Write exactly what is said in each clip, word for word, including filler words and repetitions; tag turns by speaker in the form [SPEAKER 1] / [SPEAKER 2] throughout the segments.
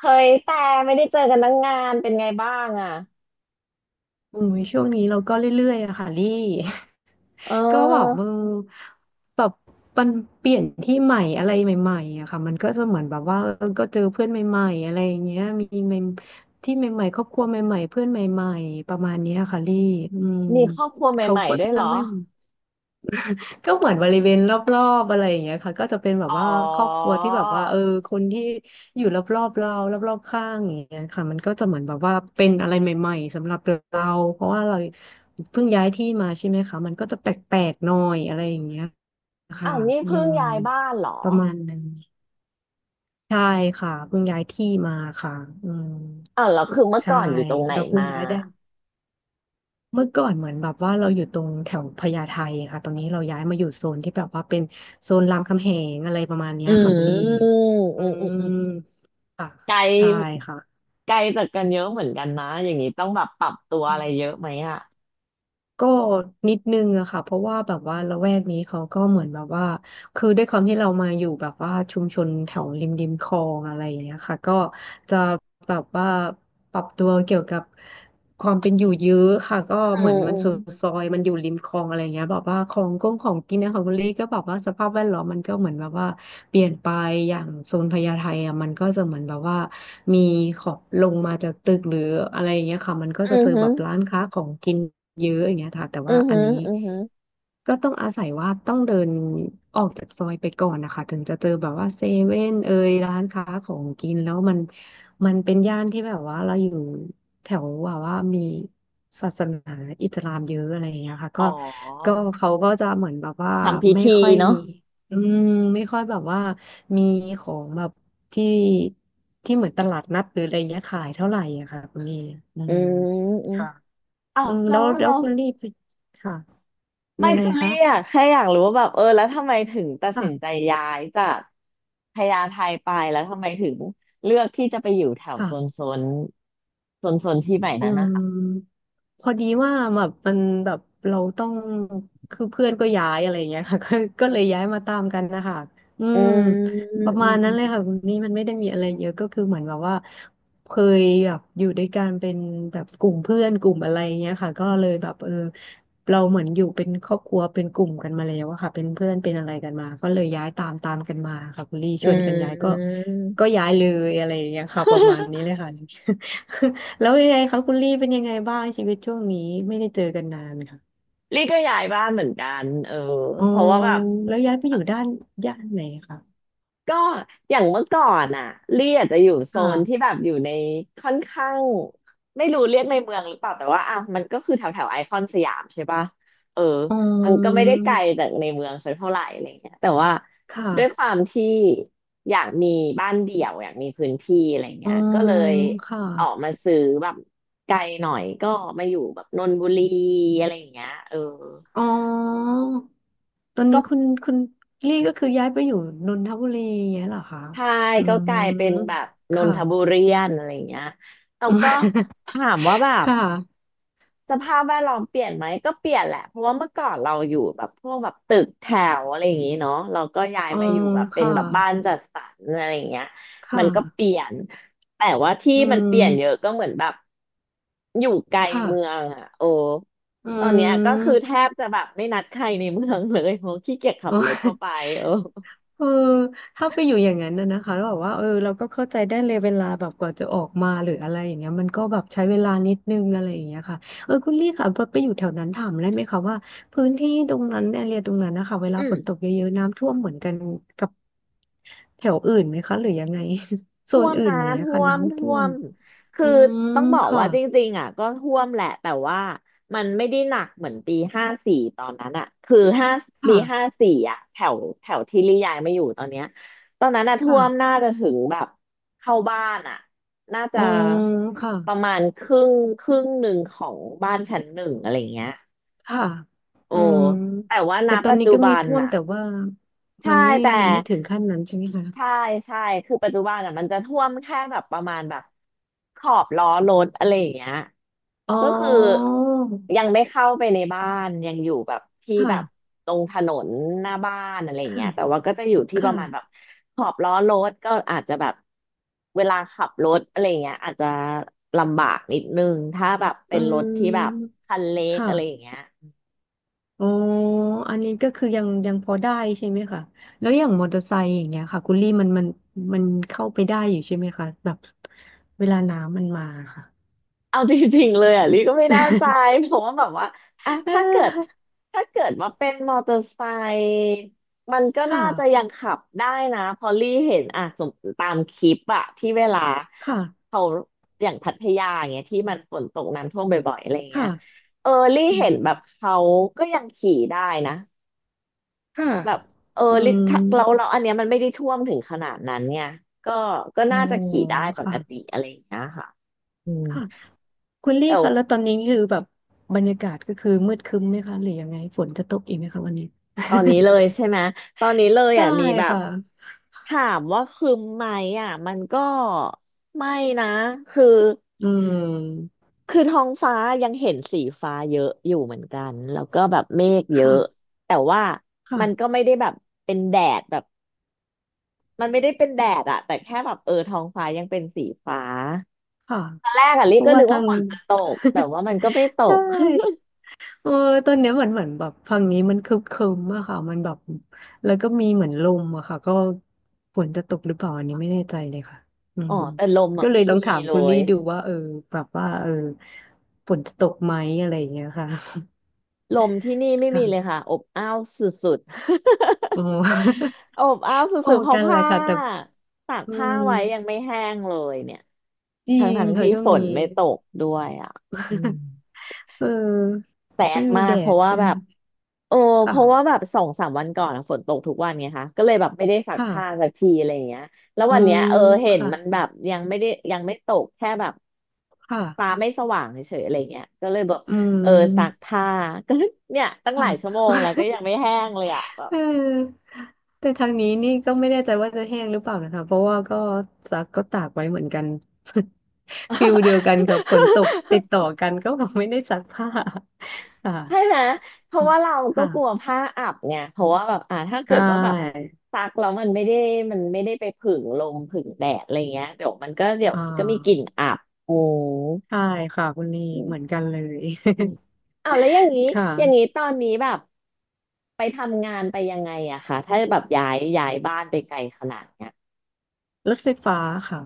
[SPEAKER 1] เฮ้ยแต่ไม่ได้เจอกันตั้งงานเป็นไงบ้างอ่ะ
[SPEAKER 2] อุ้ยช่วงนี้เราก็เรื่อยๆอะค่ะลี่
[SPEAKER 1] เ
[SPEAKER 2] ก็แบบเอ
[SPEAKER 1] ออ
[SPEAKER 2] อแบบมันเปลี่ยนที่ใหม่อะไรใหม่ๆอะค่ะมันก็จะเหมือนแบบว่าเออก็เจอเพื่อนใหม่ๆอะไรอย่างเงี้ยมีใหม่ที่ใหม่ๆครอบครัวใหม่ๆเพื่อนใหม่ๆประมาณเนี้ยค่ะลี่อืม
[SPEAKER 1] มีครอบครัว
[SPEAKER 2] เขา
[SPEAKER 1] ใหม่
[SPEAKER 2] ก็
[SPEAKER 1] ๆด้ว
[SPEAKER 2] จะ
[SPEAKER 1] ยเหรอ
[SPEAKER 2] ไม่ ก็เหมือนบริเวณรอบๆอะไรอย่างเงี้ยค่ะก็จะเป็นแบบ
[SPEAKER 1] อ๋
[SPEAKER 2] ว่าครอบค
[SPEAKER 1] อ
[SPEAKER 2] รัวที่แบบว่าเออคนที่อยู่รอบๆเรารอบๆข้างอย่างเงี้ยค่ะมันก็จะเหมือนแบบว่าเป็นอะไรใหม่ๆสำหรับเราเพราะว่าเราเพิ่งย้ายที่มาใช่ไหมคะมันก็จะแปลกๆหน่อยอะไรอย่างเงี้ยค่ะ
[SPEAKER 1] อ้าวนี่
[SPEAKER 2] อื
[SPEAKER 1] เพิ่ง
[SPEAKER 2] ม
[SPEAKER 1] ย้ายบ้านเหรอ
[SPEAKER 2] ประมาณนั้นใช่ค่ะเพิ่งย้ายที่มาค่ะอืม
[SPEAKER 1] อ้าวแล้วคือเมื่อ
[SPEAKER 2] ใช่
[SPEAKER 1] ก่อนอยู่ตรงไหน
[SPEAKER 2] เราเพิ่
[SPEAKER 1] มา
[SPEAKER 2] งย้ายได้ เมื่อก่อนเหมือนแบบว่าเราอยู่ตรงแถวพญาไทค่ะตอนนี้เราย้ายมาอยู่โซนที่แบบว่าเป็นโซนรามคำแหงอะไรประมาณเนี้
[SPEAKER 1] อื
[SPEAKER 2] ยค่ะคุณลี่
[SPEAKER 1] มอืม
[SPEAKER 2] อื
[SPEAKER 1] อืมอืม
[SPEAKER 2] ม
[SPEAKER 1] อ
[SPEAKER 2] ค่ะ
[SPEAKER 1] ไกล
[SPEAKER 2] ใช่ค่ะ
[SPEAKER 1] ไกลจากกันเยอะเหมือนกันนะอย่างนี้ต้องแบบปรับตัว
[SPEAKER 2] อื
[SPEAKER 1] อะไร
[SPEAKER 2] ม
[SPEAKER 1] เยอะไหมอ่ะ
[SPEAKER 2] ก็นิดนึงอะค่ะเพราะว่าแบบว่าละแวกนี้เขาก็เหมือนแบบว่า คือด้วยความที่เรามาอยู่แบบว่าชุมชนแถวริมริมคลองอะไรอย่างเงี้ยค่ะก็จะแบบว่าปรับตัวเกี่ยวกับ ความเป็นอยู่เยอะค่ะก็
[SPEAKER 1] อื
[SPEAKER 2] เหมือน
[SPEAKER 1] ม
[SPEAKER 2] มั
[SPEAKER 1] อื
[SPEAKER 2] น
[SPEAKER 1] ม
[SPEAKER 2] สุดซอยมันอยู่ริมคลองอะไรเงี้ยแบอกว่าของกงของกินนะของคุณลี่ก็บอกว่าสภาพแวดล้อมมันก็เหมือนแบบว่าเปลี่ยนไปอย่างโซนพญาไทอ่ะมันก็จะเหมือนแบบว่ามีขอบลงมาจากตึกหรืออะไรเงี้ยค่ะมันก็
[SPEAKER 1] อื
[SPEAKER 2] จะ
[SPEAKER 1] ม
[SPEAKER 2] เจอ
[SPEAKER 1] ฮึ
[SPEAKER 2] แบบร้านค้าของกินเยอะอย่างเงี้ยค่ะแต่
[SPEAKER 1] อื
[SPEAKER 2] ว่า
[SPEAKER 1] ม
[SPEAKER 2] อั
[SPEAKER 1] ฮึ
[SPEAKER 2] นนี้
[SPEAKER 1] อืมฮึ
[SPEAKER 2] ก็ต้องอาศัยว่าต้องเดินออกจากซอยไปก่อนนะคะถึงจะเจอแบบว่าเซเว่นเอยร้านค้าของกินแล้วมันมันเป็นย่านที่แบบว่าเราอยู่แถวว่าว่ามีศาสนาอิสลามเยอะอะไรอย่างเงี้ยค่ะ
[SPEAKER 1] อ๋
[SPEAKER 2] ก็ก็
[SPEAKER 1] อ
[SPEAKER 2] เขาก็จะเหมือนแบบว่า
[SPEAKER 1] ทำพิ
[SPEAKER 2] ไม่
[SPEAKER 1] ธี
[SPEAKER 2] ค่อย
[SPEAKER 1] เนาะ
[SPEAKER 2] มีอืมไม่ค่อยแบบว่ามีของแบบที่ที่เหมือนตลาดนัดหรืออะไรเงี้ยขายเท่าไหร่อะค่ะคุณลี่อื
[SPEAKER 1] อื
[SPEAKER 2] ม
[SPEAKER 1] มอืม
[SPEAKER 2] ค่ะ
[SPEAKER 1] อ้า
[SPEAKER 2] อื
[SPEAKER 1] ว
[SPEAKER 2] ม
[SPEAKER 1] แล้
[SPEAKER 2] แล้
[SPEAKER 1] ว
[SPEAKER 2] วแล้
[SPEAKER 1] แล้
[SPEAKER 2] ว
[SPEAKER 1] ว
[SPEAKER 2] คุณลี่ไปค่ะ
[SPEAKER 1] ไม่
[SPEAKER 2] ยังไง
[SPEAKER 1] คือเรี
[SPEAKER 2] คะ
[SPEAKER 1] ยกแค่อยากรู้ว่าแบบเออแล้วทำไมถึงตัดสินใจ
[SPEAKER 2] ค่ะ
[SPEAKER 1] ย้ายจากพญาไทไปแล้วทำไมถึงเลือกที่จะไปอยู่แถวโซ
[SPEAKER 2] ค่ะ
[SPEAKER 1] นโซนโซนโซนที่ใหม่
[SPEAKER 2] อื
[SPEAKER 1] นั้นนะคะ
[SPEAKER 2] มพอดีว่าแบบมันแบบเราต้องคือเพื่อนก็ย้ายอะไรอย่างเงี้ยค่ะ ก็ก็เลยย้ายมาตามกันนะคะอื
[SPEAKER 1] อื
[SPEAKER 2] ม
[SPEAKER 1] ม
[SPEAKER 2] ประ
[SPEAKER 1] อื
[SPEAKER 2] มา
[SPEAKER 1] ม
[SPEAKER 2] ณ
[SPEAKER 1] อื
[SPEAKER 2] นั้น
[SPEAKER 1] ม
[SPEAKER 2] เลยค่ะคุณนี่มันไม่ได้มีอะไรเยอะก็คือเหมือนแบบว่าเคยแบบอยู่ด้วยกันเป็นแบบกลุ่มเพื่อนกลุ่มอะไรอย่างเงี้ยค่ะก็เลยแบบเออเราเหมือนอยู่เป็นครอบครัวเป็นกลุ่มกันมาแล้วอะค่ะเป็นเพื่อนเป็นอะไรกันมาก็เลยย้ายตามตามกันมาค่ะคุณลี่
[SPEAKER 1] อื
[SPEAKER 2] ชวนกันย้ายก็
[SPEAKER 1] ม
[SPEAKER 2] ก็ย้ายเลยอะไรอย่างเงี้ยค่ะประมาณนี้ เลยค่ะ แล้วยังไงคะคุณลี่เป็นยังไงบ้างชีวิตช่วงนี้ไม่ได้เจอกันนานค่ะ
[SPEAKER 1] ลี่ก็ย้ายบ้านเหมือนกันเออ
[SPEAKER 2] อ๋อ
[SPEAKER 1] เพราะว่าแบบ
[SPEAKER 2] แล้วย้ายไปอยู่ด้านย่านไหนคะ
[SPEAKER 1] ก็อย่างเมื่อก่อนอ่ะลี่อาจจะอยู่โซนที่
[SPEAKER 2] ค่ะ
[SPEAKER 1] แบบอยู่ในค่อนข้างไม่รู้เรียกในเมืองหรือเปล่าแต่ว่าอ่ะมันก็คือแถวแถวไอคอนสยามใช่ปะเออ
[SPEAKER 2] อ๋
[SPEAKER 1] มันก็ไม่
[SPEAKER 2] อ
[SPEAKER 1] ได้ไกลจากในเมืองสักเท่าไหร่อะไรเงี้ยแต่ว่า
[SPEAKER 2] ค่ะ
[SPEAKER 1] ด้วยความที่อยากมีบ้านเดี่ยวอยากมีพื้นที่อะไร
[SPEAKER 2] อ๋
[SPEAKER 1] เงี้
[SPEAKER 2] อ
[SPEAKER 1] ยก็เลย
[SPEAKER 2] ค่ะ
[SPEAKER 1] ออกมาซื้อแบบไกลหน่อยก็มาอยู่แบบนนทบุรีอะไรอย่างเงี้ยเออ
[SPEAKER 2] อ๋อตอนนี้คุณคุณลี่ก็คือย้ายไปอยู่นนทบุรีอย่างเงี้ยเหรอคะ
[SPEAKER 1] ใช่
[SPEAKER 2] อื
[SPEAKER 1] ก็กลายเป็นแบ
[SPEAKER 2] ม
[SPEAKER 1] บนน
[SPEAKER 2] ค่ะ
[SPEAKER 1] ทบุรีนอะไรอย่างเงี้ยเราก็ถามว่าแบ บ
[SPEAKER 2] ค่ะ
[SPEAKER 1] สภาพแวดล้อมเปลี่ยนไหมก็เปลี่ยนแหละเพราะว่าเมื่อก่อนเราอยู่แบบพวกแบบตึกแถวอะไรอย่างงี้เนาะเราก็ย้าย
[SPEAKER 2] อ๋อ
[SPEAKER 1] มาอยู่แบบเป็น
[SPEAKER 2] ค่ะ
[SPEAKER 1] แบบบ้านจัดสรรอะไรอย่างเงี้ยมั
[SPEAKER 2] ค่ะ
[SPEAKER 1] นก็เปลี่ยนแต่ว่าที่
[SPEAKER 2] อื
[SPEAKER 1] มันเปลี่ยนเยอะ
[SPEAKER 2] ม
[SPEAKER 1] ก็เหมือนแบบอยู่ไกลเมือ
[SPEAKER 2] ค่ะ
[SPEAKER 1] งอ่ะโอ้
[SPEAKER 2] อื
[SPEAKER 1] ตอนเนี้ยก็คือแท
[SPEAKER 2] ม
[SPEAKER 1] บจะแบบไม่นัดใครในเมืองเลยเพราะขี้เกียจขับ
[SPEAKER 2] โอ้
[SPEAKER 1] รถเข้าไป เออ
[SPEAKER 2] เออถ้าไปอยู่อย่างนั้นนะนะคะแล้วแบบว่าเออเราก็เข้าใจได้เลยเวลาแบบกว่าจะออกมาหรืออะไรอย่างเงี้ยมันก็แบบใช้เวลานิดนึงอะไรอย่างเงี้ยค่ะเออคุณลี่ค่ะพอไปอยู่แถวนั้นถามได้ไหมคะว่าพื้นที่ตรงนั้นแอเรียตรงนั้นนะคะเวลา
[SPEAKER 1] อื
[SPEAKER 2] ฝ
[SPEAKER 1] ม
[SPEAKER 2] นตกเยอะๆน้ำท่วมเหมือนกันกับแถวอื่นไหมคะหรือยังไง โซ
[SPEAKER 1] ท่ว
[SPEAKER 2] น
[SPEAKER 1] ม
[SPEAKER 2] อื่น
[SPEAKER 1] นะ
[SPEAKER 2] อย่างเงี้ย
[SPEAKER 1] ท่
[SPEAKER 2] ค่ะ
[SPEAKER 1] วม
[SPEAKER 2] น้ำ
[SPEAKER 1] ท่
[SPEAKER 2] ท่
[SPEAKER 1] ว
[SPEAKER 2] วม
[SPEAKER 1] มคื
[SPEAKER 2] อื
[SPEAKER 1] อ
[SPEAKER 2] ม
[SPEAKER 1] ต้องบอก
[SPEAKER 2] ค่ะ
[SPEAKER 1] ว่าจริงๆอ่ะก็ท่วมแหละแต่ว่ามันไม่ได้หนักเหมือนปีห้าสี่ตอนนั้นอ่ะคือห้าปี
[SPEAKER 2] ค่ะ
[SPEAKER 1] ห้าสี่อ่ะแถวแถวที่ลี่ยายมาอยู่ตอนเนี้ยตอนนั้นอ่ะท่วมน่า
[SPEAKER 2] ค่ะ
[SPEAKER 1] จะถึงแบบเข้าบ้านอ่ะน่า
[SPEAKER 2] อื
[SPEAKER 1] จะ
[SPEAKER 2] มค่ะ
[SPEAKER 1] ประมาณครึ่งครึ่งหนึ่งของบ้านชั้นหนึ่งอะไรเงี้ย
[SPEAKER 2] ค่ะ
[SPEAKER 1] โอ้
[SPEAKER 2] อืม
[SPEAKER 1] แต่ว่าณ
[SPEAKER 2] แต่ตอน
[SPEAKER 1] ปัจ
[SPEAKER 2] นี้
[SPEAKER 1] จุ
[SPEAKER 2] ก็
[SPEAKER 1] บั
[SPEAKER 2] มี
[SPEAKER 1] น
[SPEAKER 2] ท่วม
[SPEAKER 1] อ่ะ
[SPEAKER 2] แต่ว่า
[SPEAKER 1] ใช่
[SPEAKER 2] มันไม่
[SPEAKER 1] แต่
[SPEAKER 2] มันไม่ถึงขั้นนั้นใช่ไหมคะ
[SPEAKER 1] ใช่ใช่คือปัจจุบันอ่ะมันจะท่วมแค่แบบประมาณแบบขอบล้อรถอะไรอย่างเงี้ย
[SPEAKER 2] อ๋อ
[SPEAKER 1] ก็คือยังไม่เข้าไปในบ้านยังอยู่แบบที่แบบ
[SPEAKER 2] ค่ะ
[SPEAKER 1] ตรงถนนหน้าบ้านอะไรอย่าง
[SPEAKER 2] ค่ะ
[SPEAKER 1] เงี้ยแต่ว่าก็จะอยู่ที่
[SPEAKER 2] ค
[SPEAKER 1] ประมาณแบบ
[SPEAKER 2] ่ะ
[SPEAKER 1] ขอบล้อรถก็อาจจะแบบเวลาขับรถอะไรอย่างเงี้ยอาจจะลำบากนิดนึงถ้าแบบเป็
[SPEAKER 2] อื
[SPEAKER 1] นรถที่แบบ
[SPEAKER 2] ม
[SPEAKER 1] คันเล็กอะไรอย่าง
[SPEAKER 2] ค่ะ
[SPEAKER 1] เงี้ย
[SPEAKER 2] อ๋ออันนี้ก็คือยังยังพอได้ใช่ไหมคะแล้วอย่างมอเตอร์ไซค์อย่างเงี้ยค่ะคุณลี่มันมันมันเข้าไปได้อยู่ใช่ไหมคะแบบเวลาน้ำมันมาค่ะ
[SPEAKER 1] เอาจริงๆเลยอ่ะลี่ก็ไม่แน่ใจ เพราะว่าแบบว่าอ่ะ
[SPEAKER 2] เอ
[SPEAKER 1] ถ้าเกิด
[SPEAKER 2] อ
[SPEAKER 1] ถ้าเกิดว่าเป็นมอเตอร์ไซค์มันก็
[SPEAKER 2] ค่ะ
[SPEAKER 1] น่าจะยังขับได้นะเพอลี่เห็นอ่ะสมตามคลิปอ่ะที่เวลา
[SPEAKER 2] ค่ะ
[SPEAKER 1] เขาอย่างพัทยาอย่างเงี้ยที่มันฝนตกน้ำท่วมบ่อยๆอะไรเงี้
[SPEAKER 2] ค่ะ
[SPEAKER 1] ยเออลี่
[SPEAKER 2] อื
[SPEAKER 1] เห็นแบ
[SPEAKER 2] ม
[SPEAKER 1] บเขาก็ยังขี่ได้นะ
[SPEAKER 2] ค่ะ
[SPEAKER 1] แบบเออ
[SPEAKER 2] อื
[SPEAKER 1] ลี่
[SPEAKER 2] ม
[SPEAKER 1] ถ้าเราเราอันเนี้ยมันไม่ได้ท่วมถึงขนาดนั้นเนี่ยก็ก็
[SPEAKER 2] โอ้
[SPEAKER 1] น่าจะขี่ได้ปก
[SPEAKER 2] ค่ะ
[SPEAKER 1] ติอะไรอย่างเงี้ยค่ะอืม
[SPEAKER 2] ค่ะ คุณลี่คะแล้วตอนนี้คือแบบบรรยากาศก็คือมืดครึ้มไหมคะหรือยังไงฝนจะตกอีกไหมคะวันนี้
[SPEAKER 1] ตอนนี้เลยใช่ไหมตอนนี้ เลย
[SPEAKER 2] ใช่
[SPEAKER 1] อ่ะมีแบบ
[SPEAKER 2] ค่ะ
[SPEAKER 1] ถามว่าคืมไหมอ่ะมันก็ไม่นะคือ
[SPEAKER 2] อืม
[SPEAKER 1] คือท้องฟ้ายังเห็นสีฟ้าเยอะอยู่เหมือนกันแล้วก็แบบเมฆเยอะ
[SPEAKER 2] ค่ะ
[SPEAKER 1] แต่ว่ามัน
[SPEAKER 2] ค่ะ
[SPEAKER 1] ก็ไม่ได้แบบเป็นแดดแบบมันไม่ได้เป็นแดดอะแต่แค่แบบเออท้องฟ้ายังเป็นสีฟ้า
[SPEAKER 2] ค่ะ
[SPEAKER 1] ตอนแรกอ่ะลิ
[SPEAKER 2] เพราะ
[SPEAKER 1] ก็
[SPEAKER 2] ว่า
[SPEAKER 1] นึก
[SPEAKER 2] ทา
[SPEAKER 1] ว่า
[SPEAKER 2] ง
[SPEAKER 1] ฝนจะต กแต่ว่ามันก็ไม่ต
[SPEAKER 2] ใช่
[SPEAKER 1] ก
[SPEAKER 2] เออตอนเนี้ยเหมือนเหมือนแบบฝั่งนี้มันครึ้มครึ้มอะค่ะมันแบบแล้วก็มีเหมือนลมอะค่ะก็ฝนจะตกหรือเปล่าอันนี้ไม่แน่ใจเลยค่ะอื
[SPEAKER 1] อ๋อ
[SPEAKER 2] ม
[SPEAKER 1] แต่ลมอะ
[SPEAKER 2] ก็เล
[SPEAKER 1] ไม่
[SPEAKER 2] ยลอ
[SPEAKER 1] มี
[SPEAKER 2] งถาม
[SPEAKER 1] เล
[SPEAKER 2] คุณ
[SPEAKER 1] ย
[SPEAKER 2] ลี่ดูว่าเออแบบว่าเออฝนจะตกไหมอะไรอย่างเงี้ยค่ะ
[SPEAKER 1] ลมที่นี่ไม่
[SPEAKER 2] ค่ะ
[SPEAKER 1] มีเลยค่ะอบอ้าวสุด
[SPEAKER 2] โอ้
[SPEAKER 1] ๆ อบอ้าว
[SPEAKER 2] พอ
[SPEAKER 1] สุดๆเพราะ
[SPEAKER 2] กันแห
[SPEAKER 1] ผ้า
[SPEAKER 2] ละค่ะแต่
[SPEAKER 1] ตาก
[SPEAKER 2] อื
[SPEAKER 1] ผ้า
[SPEAKER 2] ม
[SPEAKER 1] ไว้ยังไม่แห้งเลยเนี่ย
[SPEAKER 2] จริ
[SPEAKER 1] ทั้ง
[SPEAKER 2] ง
[SPEAKER 1] ทั้ง
[SPEAKER 2] ค่ะ
[SPEAKER 1] ที่
[SPEAKER 2] ช่ว
[SPEAKER 1] ฝ
[SPEAKER 2] ง
[SPEAKER 1] น
[SPEAKER 2] นี้
[SPEAKER 1] ไม่ตกด้วยอ่ะอืม
[SPEAKER 2] เออ
[SPEAKER 1] แสบ
[SPEAKER 2] ไม่มี
[SPEAKER 1] มา
[SPEAKER 2] แด
[SPEAKER 1] กเพ
[SPEAKER 2] ด
[SPEAKER 1] ราะว่า
[SPEAKER 2] ใช่
[SPEAKER 1] แบ
[SPEAKER 2] ไหม
[SPEAKER 1] บโอ้เพราะว่าแบ
[SPEAKER 2] ค่ะ
[SPEAKER 1] บสองสามวันก่อนอะฝนตกทุกวันไงคะก็เลยแบบไม่ได้ซัก
[SPEAKER 2] ค่ะ
[SPEAKER 1] ผ้าสักทีอะไรอย่างเงี้ยแล้ว
[SPEAKER 2] อื
[SPEAKER 1] วันเนี้
[SPEAKER 2] ม
[SPEAKER 1] ยเออเห็น
[SPEAKER 2] ค่ะ
[SPEAKER 1] มันแบบยังไม่ได้ยังไม่ตกแค่แบบ
[SPEAKER 2] ค่ะ
[SPEAKER 1] ฟ้าไม่สว่างเฉยๆอะไรเงี้ยก็เลยแบบ
[SPEAKER 2] อื
[SPEAKER 1] เออซัก
[SPEAKER 2] ม
[SPEAKER 1] ผ้า ก็เนี่ยตั้งห
[SPEAKER 2] ค่ะ
[SPEAKER 1] ลายชั่วโมงแล้วก็ยังไม่แห้งเลยอ่ะแบ บ
[SPEAKER 2] เออแต่ทางนี้นี่ก็ไม่แน่ใจว่าจะแห้งหรือเปล่านะคะเพราะว่าก็ซักก็ตากไว้เหมือนกัน ฟิลเดียวกันกับฝนตกติดต่อ กันก็แบบไม่ได้ซักผ้า ค่ะ
[SPEAKER 1] ใช่ไหม เพราะว่าเราก็
[SPEAKER 2] ค่ะ
[SPEAKER 1] กลัวผ้าอับไงเพราะว่าแบบอ่าถ้า
[SPEAKER 2] ใช
[SPEAKER 1] เกิดว่าแบบ
[SPEAKER 2] ่
[SPEAKER 1] ซักแล้วมันไม่ได้มันไม่ได้ไปผึ่งลมผึ่งแดดอะไรเงี้ยเดี๋ยวมันก็เดี๋ยว
[SPEAKER 2] อ่
[SPEAKER 1] มันก็มีกลิ่น
[SPEAKER 2] า
[SPEAKER 1] อับโอ้
[SPEAKER 2] ใช่ค่ะคุณลี
[SPEAKER 1] อืม
[SPEAKER 2] เหมือนกันเลย
[SPEAKER 1] อื มอ้าวแล้วอย่างนี้
[SPEAKER 2] ค
[SPEAKER 1] อย่างนี้
[SPEAKER 2] ่ะ
[SPEAKER 1] ตอนนี้แบบไปทำงานไปยังไงอะคะถ้าแบบย้ายย้ายบ้านไปไกลขนาดเนี้ย
[SPEAKER 2] รถไฟฟ้าค่ะ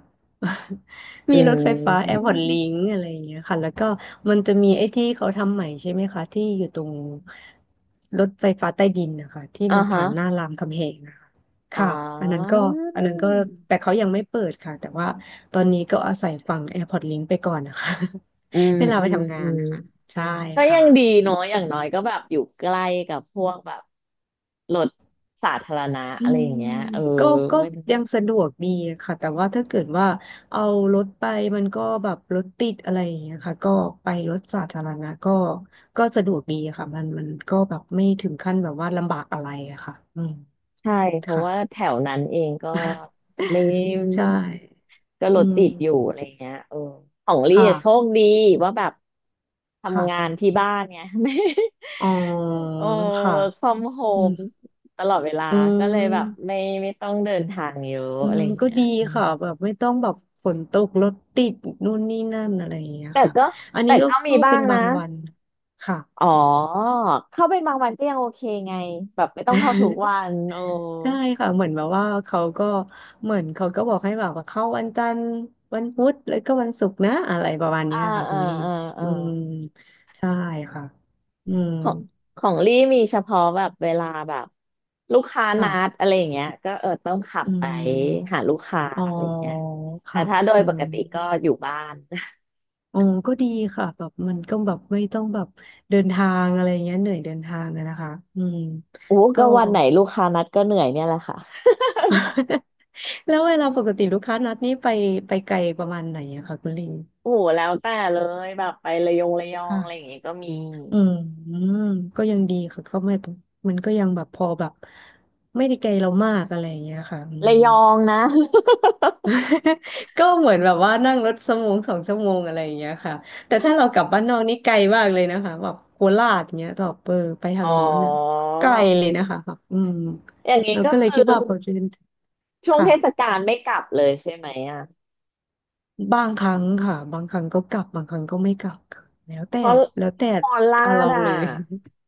[SPEAKER 1] อื
[SPEAKER 2] มีรถไฟฟ้าแอร์
[SPEAKER 1] ม
[SPEAKER 2] พอร์ตลิงก์อะไรอย่างเงี้ยค่ะแล้วก็มันจะมีไอ้ที่เขาทำใหม่ใช่ไหมคะที่อยู่ตรงรถไฟฟ้าใต้ดินนะคะที่
[SPEAKER 1] อ่า
[SPEAKER 2] มัน
[SPEAKER 1] ฮะ
[SPEAKER 2] ผ่านหน้ารามคำแหงนะคะ
[SPEAKER 1] อ๋อ
[SPEAKER 2] ค่ะอันนั้นก็อันนั้นก็แต่เขายังไม่เปิดค่ะแต่ว่าตอนนี้ก็อาศัยฝั่งแอร์พอร์ตลิงก์ไปก่อนนะคะ
[SPEAKER 1] อื ม
[SPEAKER 2] เวลา
[SPEAKER 1] อื
[SPEAKER 2] ไป
[SPEAKER 1] ม
[SPEAKER 2] ทำงา
[SPEAKER 1] อื
[SPEAKER 2] น
[SPEAKER 1] ม
[SPEAKER 2] นะคะใช่
[SPEAKER 1] ก็
[SPEAKER 2] ค่
[SPEAKER 1] ยังดี
[SPEAKER 2] ะ
[SPEAKER 1] เนาะอย่างน้อยก็แบบอยู่ใกล้กับพวกแบบรถสาธารณะ
[SPEAKER 2] อื
[SPEAKER 1] อะไร
[SPEAKER 2] ม
[SPEAKER 1] อย่างเงี้ยเออ
[SPEAKER 2] ก็ก็
[SPEAKER 1] ไม่
[SPEAKER 2] ยังสะดวกดีค่ะแต่ว่าถ้าเกิดว่าเอารถไปมันก็แบบรถติดอะไรอย่างเงี้ยค่ะก็ไปรถสาธารณะก็ก็สะดวกดีค่ะมันมันก็แบบไม่ถึงขั้นแบบว่าลำบากอะไรอะค่ะอืม
[SPEAKER 1] ใช่เพราะ
[SPEAKER 2] ค่ะ
[SPEAKER 1] ว่าแถวนั้นเองก็ไม่
[SPEAKER 2] ใช่
[SPEAKER 1] ก็ร
[SPEAKER 2] อื
[SPEAKER 1] ถติดอยู่
[SPEAKER 2] ม
[SPEAKER 1] อะไรอย่างเงี้ยเออของลี่
[SPEAKER 2] ค่ะ
[SPEAKER 1] อะโชคดีว่าแบบทำงา
[SPEAKER 2] ค่ะ
[SPEAKER 1] นที่บ้านเนี่ย ไม่
[SPEAKER 2] อ๋อ
[SPEAKER 1] โอ้
[SPEAKER 2] ค่ะ
[SPEAKER 1] work from
[SPEAKER 2] อืม
[SPEAKER 1] home ตลอดเวลา
[SPEAKER 2] อื
[SPEAKER 1] ก็เลยแบบไม่
[SPEAKER 2] ม
[SPEAKER 1] ไม่ต้องเดินทางเยอะ
[SPEAKER 2] อื
[SPEAKER 1] อะไร
[SPEAKER 2] ม
[SPEAKER 1] อย่าง
[SPEAKER 2] ก็
[SPEAKER 1] เงี้ย
[SPEAKER 2] ดี
[SPEAKER 1] อืม
[SPEAKER 2] ค่ะแบบไม่ต้องแบบฝนตกรถติดนู่นนี่นั่นอะไรอย่างเงี้ย
[SPEAKER 1] แต่
[SPEAKER 2] ค่ะ
[SPEAKER 1] ก็
[SPEAKER 2] อัน
[SPEAKER 1] แต่
[SPEAKER 2] นี้ก็
[SPEAKER 1] ก็มี
[SPEAKER 2] เข้า
[SPEAKER 1] บ้า
[SPEAKER 2] เป็
[SPEAKER 1] ง
[SPEAKER 2] นบา
[SPEAKER 1] นะ
[SPEAKER 2] งวันค่ะ
[SPEAKER 1] อ๋อเข้าเป็นบางวันก็ยังโอเคไงแบบไม่ต้องเข้าทุกวั นโอ้
[SPEAKER 2] ใช่ค่ะเหมือนแบบว่าเขาก็เหมือนเขาก็บอกให้แบบว่าเข้าวันจันทร์วันพุธแล้วก็วันศุกร์นะอะไรประมาณ
[SPEAKER 1] อ่า
[SPEAKER 2] เนี้ยค่ะ
[SPEAKER 1] เออ
[SPEAKER 2] คุณดี
[SPEAKER 1] เออเออ
[SPEAKER 2] อืมใช่ค่ะอืม
[SPEAKER 1] ของของลี่มีเฉพาะแบบเวลาแบบลูกค้านัด
[SPEAKER 2] ค่ะ
[SPEAKER 1] อะไรอย่างเงี้ยก็เออต้องขับ
[SPEAKER 2] อื
[SPEAKER 1] ไป
[SPEAKER 2] ม
[SPEAKER 1] หาลูกค้า
[SPEAKER 2] อ๋อ
[SPEAKER 1] อะไรอย่างเงี้ยแต่
[SPEAKER 2] ค่ะ
[SPEAKER 1] ถ้าโดย
[SPEAKER 2] อื
[SPEAKER 1] ป
[SPEAKER 2] ม
[SPEAKER 1] กติก็อยู่บ้าน
[SPEAKER 2] อ๋อก็ดีค่ะแบบมันก็แบบไม่ต้องแบบเดินทางอะไรเงี้ยเหนื่อยเดินทางอะนะคะอืม
[SPEAKER 1] โอ้
[SPEAKER 2] ก็
[SPEAKER 1] ก็วันไหนลูกค้านัดก็เหนื่อยเนี่ยแหละค่ะ
[SPEAKER 2] แล้วเวลาปกติลูกค้านัดนี้ไปไปไกลประมาณไหนอะคะคุณลิง
[SPEAKER 1] โอ้โหแล้วแต่เลยแบบไประยองระยองอะไรอย่า
[SPEAKER 2] ค่ะ
[SPEAKER 1] งงี้ก็มี
[SPEAKER 2] อืมมก็ยังดีค่ะก็ไม่มันก็ยังแบบพอแบบไม่ได้ไกลเรามากอะไรอย่างเงี้ยค่ะอืม
[SPEAKER 1] ระยองนะ
[SPEAKER 2] ก็เหมือนแบบว่านั่งรถสมงสองชั่วโมงอะไรอย่างเงี้ยค่ะแต่ถ้าเรากลับบ้านนอกนี่ไกลมากเลยนะคะแบบโคราชเงี้ยต่อเปอร์ไป ทา
[SPEAKER 1] อ๋
[SPEAKER 2] งโน้นอ่ะก็
[SPEAKER 1] อ
[SPEAKER 2] ไกลเลยนะคะแบบอืม
[SPEAKER 1] อย่างนี้
[SPEAKER 2] เรา
[SPEAKER 1] ก็
[SPEAKER 2] ก็เลย
[SPEAKER 1] คือ
[SPEAKER 2] คิดว่าพอเรี
[SPEAKER 1] ช่วง
[SPEAKER 2] ค่ะ
[SPEAKER 1] เทศกาลไม่กลับเลยใช่ไหมอ่ะ
[SPEAKER 2] บางครั้งค่ะบางครั้งก็กลับบางครั้งก็ไม่กลับค่ะแล้วแต่
[SPEAKER 1] เพราะ
[SPEAKER 2] แล้วแต่
[SPEAKER 1] มอลลา
[SPEAKER 2] เอา
[SPEAKER 1] ด
[SPEAKER 2] เรา
[SPEAKER 1] อ่ะ
[SPEAKER 2] เลย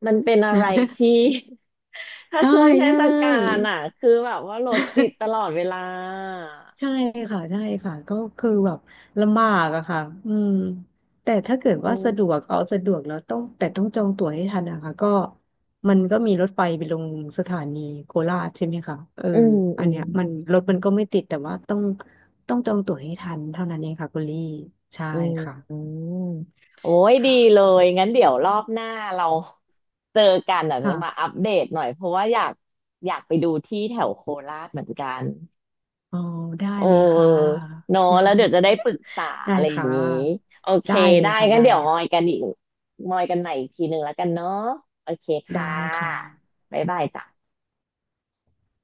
[SPEAKER 1] มันเป็นอะไรที่ ถ้า
[SPEAKER 2] ใช่
[SPEAKER 1] ช่วงเท
[SPEAKER 2] ใช
[SPEAKER 1] ศกาล
[SPEAKER 2] ่
[SPEAKER 1] อ่ะคือแบบว่ารถติดตลอดเวลา
[SPEAKER 2] ใช่ค่ะใช่ค่ะก็คือแบบลำบากอะค่ะอืมแต่ถ้าเกิด
[SPEAKER 1] อื
[SPEAKER 2] ว่าสะด
[SPEAKER 1] ม
[SPEAKER 2] วกเอาสะดวกแล้วต้องแต่ต้องจองตั๋วให้ทันนะคะก็มันก็มีรถไฟไปลงสถานีโคราชใช่ไหมคะเออ
[SPEAKER 1] อืม
[SPEAKER 2] อั
[SPEAKER 1] อื
[SPEAKER 2] น
[SPEAKER 1] ม
[SPEAKER 2] เนี้ยมันรถมันก็ไม่ติดแต่ว่าต้องต้องจองตั๋วให้ทันเท่านั้นเองค่ะคุณลี่ใช่
[SPEAKER 1] อืมอื
[SPEAKER 2] ค่ะ
[SPEAKER 1] มโอ้ยดีเล
[SPEAKER 2] ค่ะ
[SPEAKER 1] ยงั้นเดี๋ยวรอบหน้าเราเจอกันอ่ะจะ
[SPEAKER 2] ค่ะ
[SPEAKER 1] มาอัปเดตหน่อยเพราะว่าอยากอยากไปดูที่แถวโคราชเหมือนกัน
[SPEAKER 2] อ๋อได้
[SPEAKER 1] เ
[SPEAKER 2] เลยค่ะ
[SPEAKER 1] ออเนอะแล้วเดี๋ยวจะได้ปรึกษา
[SPEAKER 2] ได้
[SPEAKER 1] อะไรอย่าง
[SPEAKER 2] ค่ะ
[SPEAKER 1] นี้ โอเค
[SPEAKER 2] ได้เลย
[SPEAKER 1] ได้
[SPEAKER 2] ค่ะ
[SPEAKER 1] งั้น
[SPEAKER 2] ได้
[SPEAKER 1] เดี๋ยว
[SPEAKER 2] เลย
[SPEAKER 1] มอยกั
[SPEAKER 2] ค่ะ
[SPEAKER 1] นอีกมอยกันใหม่อีกทีหนึ่งแล้วกันเนาะโอเค
[SPEAKER 2] ได้
[SPEAKER 1] ค่
[SPEAKER 2] ค่ะ
[SPEAKER 1] ะบ๊ายบายจ้ะ